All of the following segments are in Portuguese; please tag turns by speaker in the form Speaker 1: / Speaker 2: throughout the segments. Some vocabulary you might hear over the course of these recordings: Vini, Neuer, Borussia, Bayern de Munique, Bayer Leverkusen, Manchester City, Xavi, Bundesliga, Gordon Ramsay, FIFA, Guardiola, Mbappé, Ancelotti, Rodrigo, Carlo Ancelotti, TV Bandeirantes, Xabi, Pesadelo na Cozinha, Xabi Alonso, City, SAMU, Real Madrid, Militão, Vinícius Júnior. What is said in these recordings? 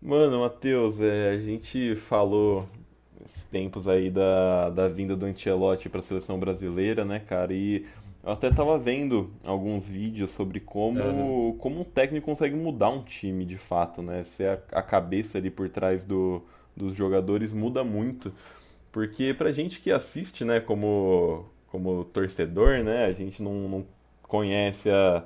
Speaker 1: Mano, Matheus, a gente falou esses tempos aí da vinda do Ancelotti para a seleção brasileira, né, cara? E eu até tava vendo alguns vídeos sobre
Speaker 2: Aham.
Speaker 1: como um técnico consegue mudar um time de fato, né? Se a cabeça ali por trás dos jogadores muda muito. Porque pra gente que assiste, né, como torcedor, né, a gente não conhece a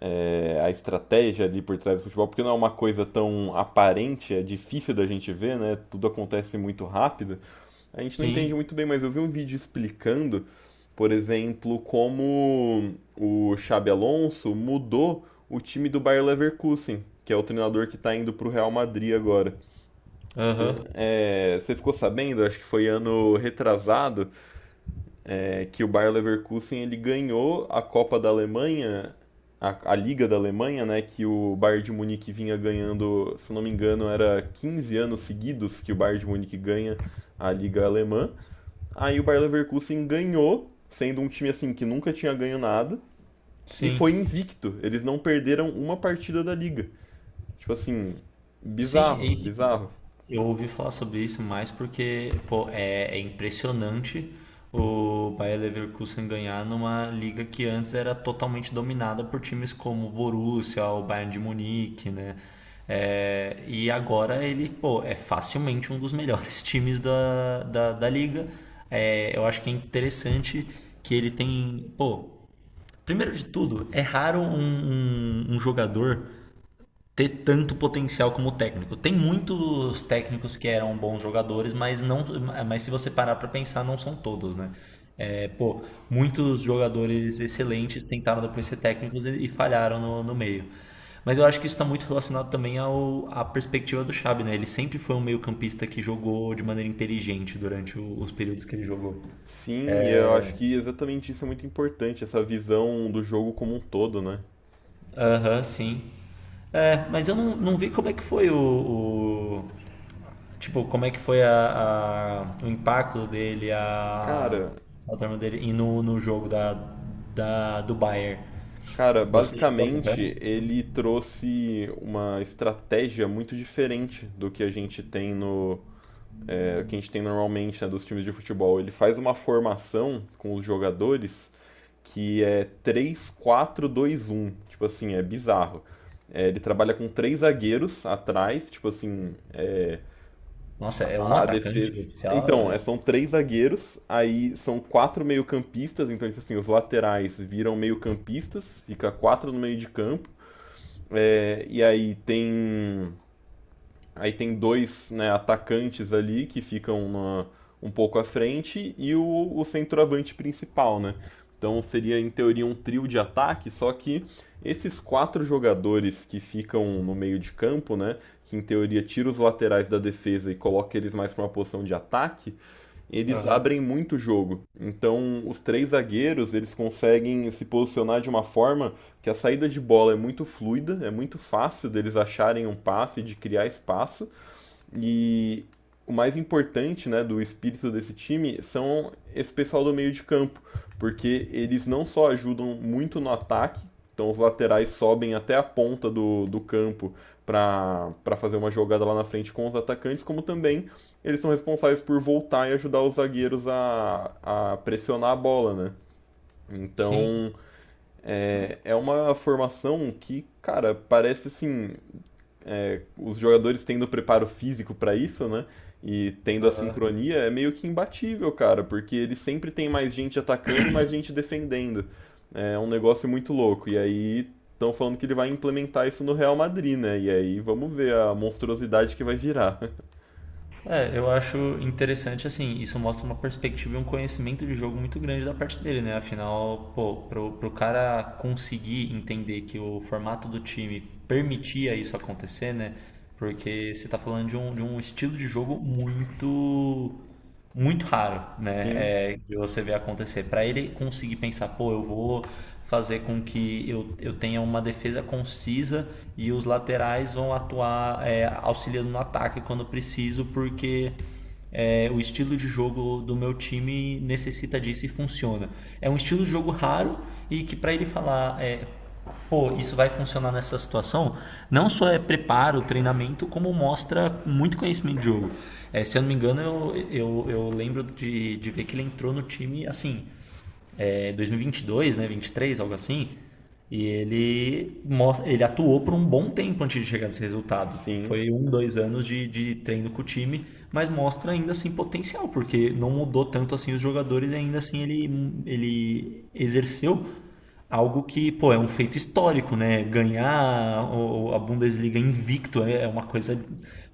Speaker 1: é, a estratégia ali por trás do futebol, porque não é uma coisa tão aparente, é difícil da gente ver, né? Tudo acontece muito rápido. A gente não entende
Speaker 2: Sim.
Speaker 1: muito bem, mas eu vi um vídeo explicando, por exemplo, como o Xabi Alonso mudou o time do Bayer Leverkusen, que é o treinador que está indo para o Real Madrid agora.
Speaker 2: Aham.
Speaker 1: Você ficou sabendo? Acho que foi ano retrasado é que o Bayer Leverkusen ele ganhou a Copa da Alemanha, a Liga da Alemanha, né, que o Bayern de Munique vinha ganhando, se não me engano, era 15 anos seguidos que o Bayern de Munique ganha a Liga Alemã. Aí o Bayer Leverkusen ganhou, sendo um time assim que nunca tinha ganho nada e
Speaker 2: Sim.
Speaker 1: foi invicto. Eles não perderam uma partida da liga. Tipo assim,
Speaker 2: Sim,
Speaker 1: bizarro,
Speaker 2: e tipo,
Speaker 1: bizarro.
Speaker 2: eu ouvi falar sobre isso mais porque, pô, é impressionante o Bayer Leverkusen ganhar numa liga que antes era totalmente dominada por times como o Borussia, o Bayern de Munique, né? É, e agora ele, pô, é facilmente um dos melhores times da liga. É, eu acho que é interessante que ele tem, pô, primeiro de tudo, é raro um jogador ter tanto potencial como técnico. Tem muitos técnicos que eram bons jogadores, mas não, mas se você parar para pensar, não são todos, né? É, pô, muitos jogadores excelentes tentaram depois ser técnicos e falharam no meio. Mas eu acho que isso está muito relacionado também à perspectiva do Xabi, né? Ele sempre foi um meio-campista que jogou de maneira inteligente durante os períodos que ele jogou.
Speaker 1: Sim, eu acho que exatamente isso é muito importante, essa visão do jogo como um todo, né?
Speaker 2: Aham, sim. É, mas eu não vi como é que foi tipo, como é que foi o impacto dele, a,
Speaker 1: Cara,
Speaker 2: a turma dele e no jogo do Bayern.
Speaker 1: Cara,
Speaker 2: Você chegou a
Speaker 1: basicamente
Speaker 2: acompanhar?
Speaker 1: ele trouxe uma estratégia muito diferente do que a gente tem no, que a gente tem normalmente, né, dos times de futebol. Ele faz uma formação com os jogadores que é 3-4-2-1. Tipo assim, é bizarro. É, ele trabalha com três zagueiros atrás, tipo assim,
Speaker 2: Nossa, é um
Speaker 1: a defesa.
Speaker 2: atacante oficial?
Speaker 1: Então,
Speaker 2: É...
Speaker 1: são três zagueiros, aí são quatro meio-campistas, então, tipo assim, os laterais viram meio-campistas, fica quatro no meio de campo. É, e aí tem dois, né, atacantes ali que ficam um pouco à frente e o centroavante principal, né? Então seria em teoria um trio de ataque, só que esses quatro jogadores que ficam no meio de campo, né, que em teoria tira os laterais da defesa e coloca eles mais para uma posição de ataque, eles
Speaker 2: Aham.
Speaker 1: abrem muito o jogo. Então, os três zagueiros, eles conseguem se posicionar de uma forma que a saída de bola é muito fluida, é muito fácil deles acharem um passe, de criar espaço, e o mais importante, né, do espírito desse time são esse pessoal do meio de campo, porque eles não só ajudam muito no ataque, então os laterais sobem até a ponta do campo para fazer uma jogada lá na frente com os atacantes, como também eles são responsáveis por voltar e ajudar os zagueiros a pressionar a bola, né?
Speaker 2: Sim.
Speaker 1: Então é uma formação que, cara, parece assim os jogadores tendo preparo físico pra isso, né? E tendo a sincronia, é meio que imbatível, cara, porque ele sempre tem mais gente atacando e mais gente defendendo. É um negócio muito louco. E aí estão falando que ele vai implementar isso no Real Madrid, né? E aí vamos ver a monstruosidade que vai virar.
Speaker 2: É, eu acho interessante, assim, isso mostra uma perspectiva e um conhecimento de jogo muito grande da parte dele, né? Afinal, pô, pro cara conseguir entender que o formato do time permitia isso acontecer, né? Porque você tá falando de um estilo de jogo muito muito raro, né,
Speaker 1: Sim,
Speaker 2: de você ver acontecer. Para ele conseguir pensar, pô, eu vou fazer com que eu tenha uma defesa concisa e os laterais vão atuar auxiliando no ataque quando preciso, porque o estilo de jogo do meu time necessita disso e funciona. É um estilo de jogo raro e que para ele falar, pô, isso vai funcionar nessa situação, não só é preparo, treinamento, como mostra muito conhecimento de jogo. É, se eu não me engano, eu lembro de ver que ele entrou no time, assim, 2022, né, 23, algo assim. E ele mostra, ele atuou por um bom tempo antes de chegar nesse resultado.
Speaker 1: sim.
Speaker 2: Foi um, 2 anos de treino com o time, mas mostra ainda assim potencial, porque não mudou tanto assim os jogadores e ainda assim ele exerceu algo que, pô, é um feito histórico, né? Ganhar a Bundesliga invicto é uma coisa,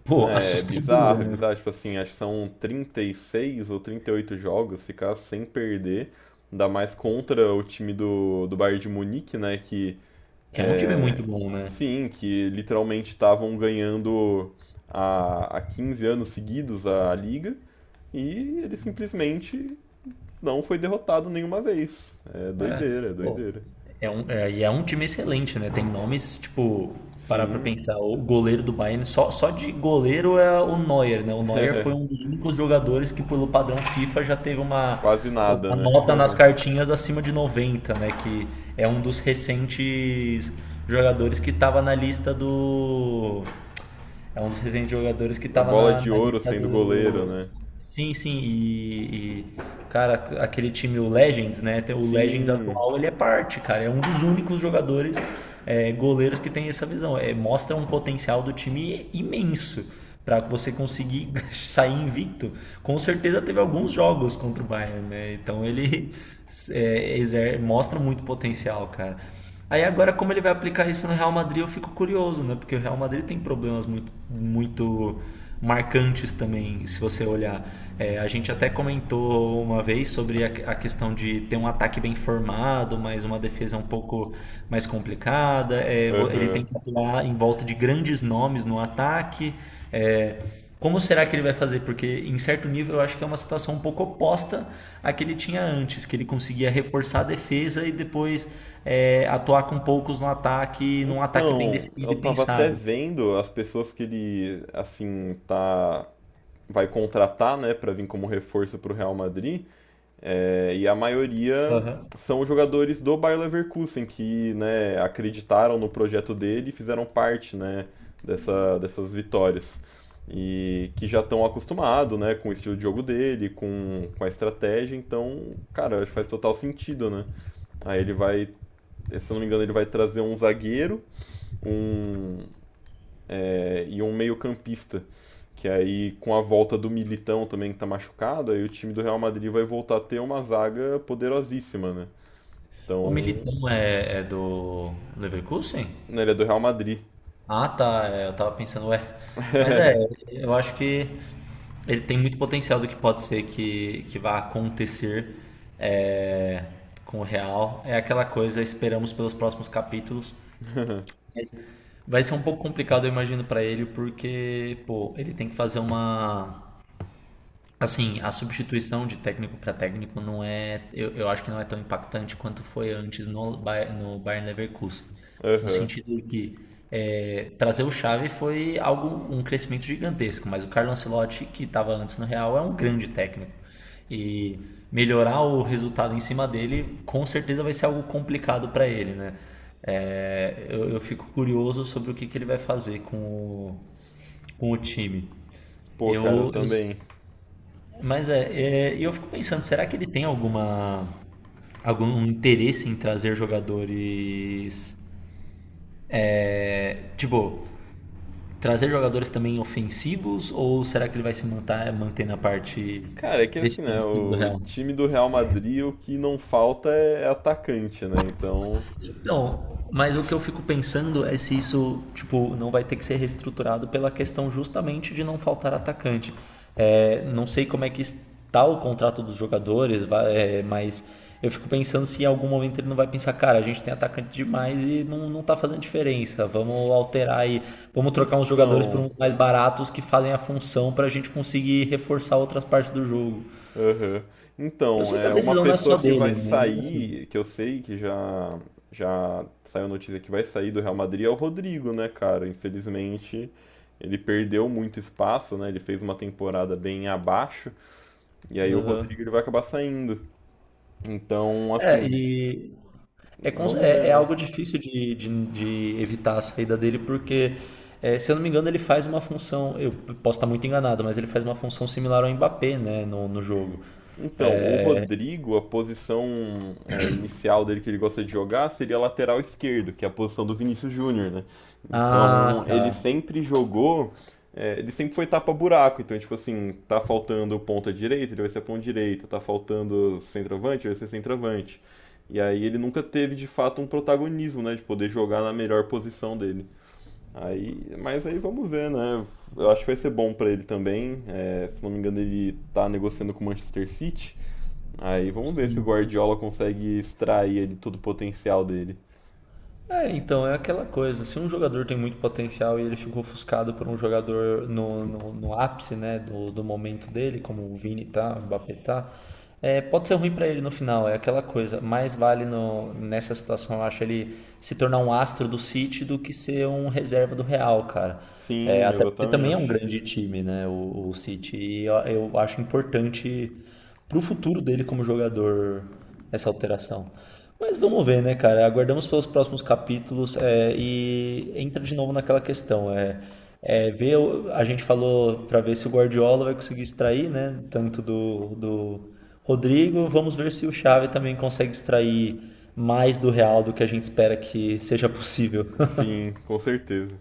Speaker 2: pô,
Speaker 1: É
Speaker 2: assustadora,
Speaker 1: bizarro, é
Speaker 2: né?
Speaker 1: bizarro. Tipo assim, acho que são 36 ou 38 jogos, ficar sem perder. Ainda mais contra o time do Bayern de Munique, né? Que
Speaker 2: Que é um time muito bom, né?
Speaker 1: sim, que literalmente estavam ganhando há 15 anos seguidos a liga e ele simplesmente não foi derrotado nenhuma vez. É
Speaker 2: É,
Speaker 1: doideira, é
Speaker 2: pô,
Speaker 1: doideira.
Speaker 2: é um time excelente, né? Tem nomes, tipo, parar pra
Speaker 1: Sim,
Speaker 2: pensar, o goleiro do Bayern, só de goleiro é o Neuer, né? O Neuer foi
Speaker 1: é,
Speaker 2: um dos únicos jogadores que, pelo padrão FIFA, já teve
Speaker 1: quase nada,
Speaker 2: uma
Speaker 1: né?
Speaker 2: nota nas cartinhas acima de 90 né? Que é um dos recentes jogadores que estava na lista do é um dos recentes jogadores que
Speaker 1: A
Speaker 2: tava
Speaker 1: bola
Speaker 2: na,
Speaker 1: de
Speaker 2: na
Speaker 1: ouro
Speaker 2: lista
Speaker 1: sendo goleiro,
Speaker 2: do.
Speaker 1: né?
Speaker 2: Sim, sim, cara, aquele time, o Legends, né? O Legends
Speaker 1: Sim,
Speaker 2: atual, ele é parte, cara. É um dos únicos jogadores, goleiros que tem essa visão. É, mostra um potencial do time imenso pra você conseguir sair invicto. Com certeza teve alguns jogos contra o Bayern, né? Então ele mostra muito potencial, cara. Aí agora como ele vai aplicar isso no Real Madrid, eu fico curioso, né? Porque o Real Madrid tem problemas muito, muito marcantes também, se você olhar. É, a gente até comentou uma vez sobre a questão de ter um ataque bem formado, mas uma defesa um pouco mais complicada. É, ele
Speaker 1: aham.
Speaker 2: tem que atuar em volta de grandes nomes no ataque. É, como será que ele vai fazer? Porque, em certo nível, eu acho que é uma situação um pouco oposta à que ele tinha antes, que ele conseguia reforçar a defesa e depois atuar com poucos no ataque, num ataque bem
Speaker 1: Então,
Speaker 2: definido
Speaker 1: eu
Speaker 2: e
Speaker 1: tava até
Speaker 2: pensado.
Speaker 1: vendo as pessoas que ele, assim, tá, vai contratar, né, pra vir como reforço pro Real Madrid. É, e a maioria
Speaker 2: Aham.
Speaker 1: são os jogadores do Bayer Leverkusen que, né, acreditaram no projeto dele e fizeram parte, né, dessas vitórias. E que já estão acostumados, né, com o estilo de jogo dele, com a estratégia, então, cara, acho que faz total sentido, né? Aí ele vai, se eu não me engano, ele vai trazer um zagueiro, um, e um meio-campista. Que aí, com a volta do Militão também, que tá machucado, aí o time do Real Madrid vai voltar a ter uma zaga poderosíssima, né?
Speaker 2: O
Speaker 1: Então.
Speaker 2: Militão é do Leverkusen?
Speaker 1: Não, ele é do Real Madrid.
Speaker 2: Ah, tá. Eu tava pensando, ué. Mas eu acho que ele tem muito potencial do que pode ser que vá acontecer é, com o Real. É aquela coisa, esperamos pelos próximos capítulos. Mas vai ser um pouco complicado, eu imagino, pra ele, porque, pô, ele tem que fazer uma. Assim, a substituição de técnico para técnico não é, eu acho que não é tão impactante quanto foi antes no Bayern Leverkusen, no
Speaker 1: Aham.
Speaker 2: sentido de que trazer o Xavi foi algo, um crescimento gigantesco, mas o Carlo Ancelotti, que estava antes no Real, é um grande técnico. E melhorar o resultado em cima dele, com certeza vai ser algo complicado para ele, né? É, eu fico curioso sobre o que ele vai fazer com com o time.
Speaker 1: Pô, cara, eu
Speaker 2: Eu, eu,
Speaker 1: também.
Speaker 2: mas eu fico pensando, será que ele tem algum interesse em trazer jogadores, tipo, trazer jogadores também ofensivos ou será que ele vai se manter, manter na parte
Speaker 1: Cara, é que assim, né?
Speaker 2: defensiva do
Speaker 1: O
Speaker 2: Real?
Speaker 1: time do Real Madrid, o que não falta é atacante, né? Então.
Speaker 2: Então, mas o que eu fico pensando é se isso, tipo, não vai ter que ser reestruturado pela questão justamente de não faltar atacante. É, não sei como é que está o contrato dos jogadores, mas eu fico pensando se em algum momento ele não vai pensar, cara, a gente tem atacante demais e não tá fazendo diferença. Vamos alterar aí, vamos trocar uns jogadores por
Speaker 1: Então.
Speaker 2: uns mais baratos que fazem a função para a gente conseguir reforçar outras partes do jogo.
Speaker 1: Aham.
Speaker 2: Eu
Speaker 1: Então,
Speaker 2: sei que a
Speaker 1: é uma
Speaker 2: decisão não é
Speaker 1: pessoa
Speaker 2: só
Speaker 1: que
Speaker 2: dele,
Speaker 1: vai
Speaker 2: mas ainda assim.
Speaker 1: sair, que eu sei que já saiu notícia que vai sair do Real Madrid é o Rodrigo, né, cara? Infelizmente, ele perdeu muito espaço, né? Ele fez uma temporada bem abaixo e aí o Rodrigo
Speaker 2: Aham.
Speaker 1: ele vai acabar saindo. Então,
Speaker 2: É,
Speaker 1: assim,
Speaker 2: e É, cons-
Speaker 1: vamos ver,
Speaker 2: é, é
Speaker 1: né?
Speaker 2: algo difícil de evitar a saída dele, porque, se eu não me engano, ele faz uma função. Eu posso estar muito enganado, mas ele faz uma função similar ao Mbappé, né, no jogo.
Speaker 1: Então, o Rodrigo, a posição inicial dele que ele gosta de jogar seria lateral esquerdo, que é a posição do Vinícius Júnior, né?
Speaker 2: Ah,
Speaker 1: Então, ele
Speaker 2: tá.
Speaker 1: sempre jogou, ele sempre foi tapa-buraco. Então, tipo assim, tá faltando ponta direita, ele vai ser ponta direita, tá faltando centroavante, ele vai ser centroavante. E aí ele nunca teve de fato um protagonismo, né, de poder jogar na melhor posição dele. Aí, mas aí vamos ver, né? Eu acho que vai ser bom pra ele também. É, se não me engano, ele tá negociando com o Manchester City. Aí vamos ver se o Guardiola consegue extrair ali todo o potencial dele.
Speaker 2: É, então é aquela coisa. Se um jogador tem muito potencial e ele ficou ofuscado por um jogador no ápice, né, do momento dele, como o Vini tá, o Mbappé tá, é, pode ser ruim pra ele no final. É aquela coisa. Mais vale no, nessa situação, eu acho, ele se tornar um astro do City do que ser um reserva do Real, cara. É,
Speaker 1: Sim,
Speaker 2: até porque também é um
Speaker 1: exatamente.
Speaker 2: grande time, né, o City. E eu acho importante pro futuro dele como jogador essa alteração. Mas vamos ver, né, cara? Aguardamos pelos próximos capítulos e entra de novo naquela questão. Ver, a gente falou para ver se o Guardiola vai conseguir extrair, né? Tanto do Rodrigo. Vamos ver se o Xavi também consegue extrair mais do Real do que a gente espera que seja possível.
Speaker 1: Sim, com certeza.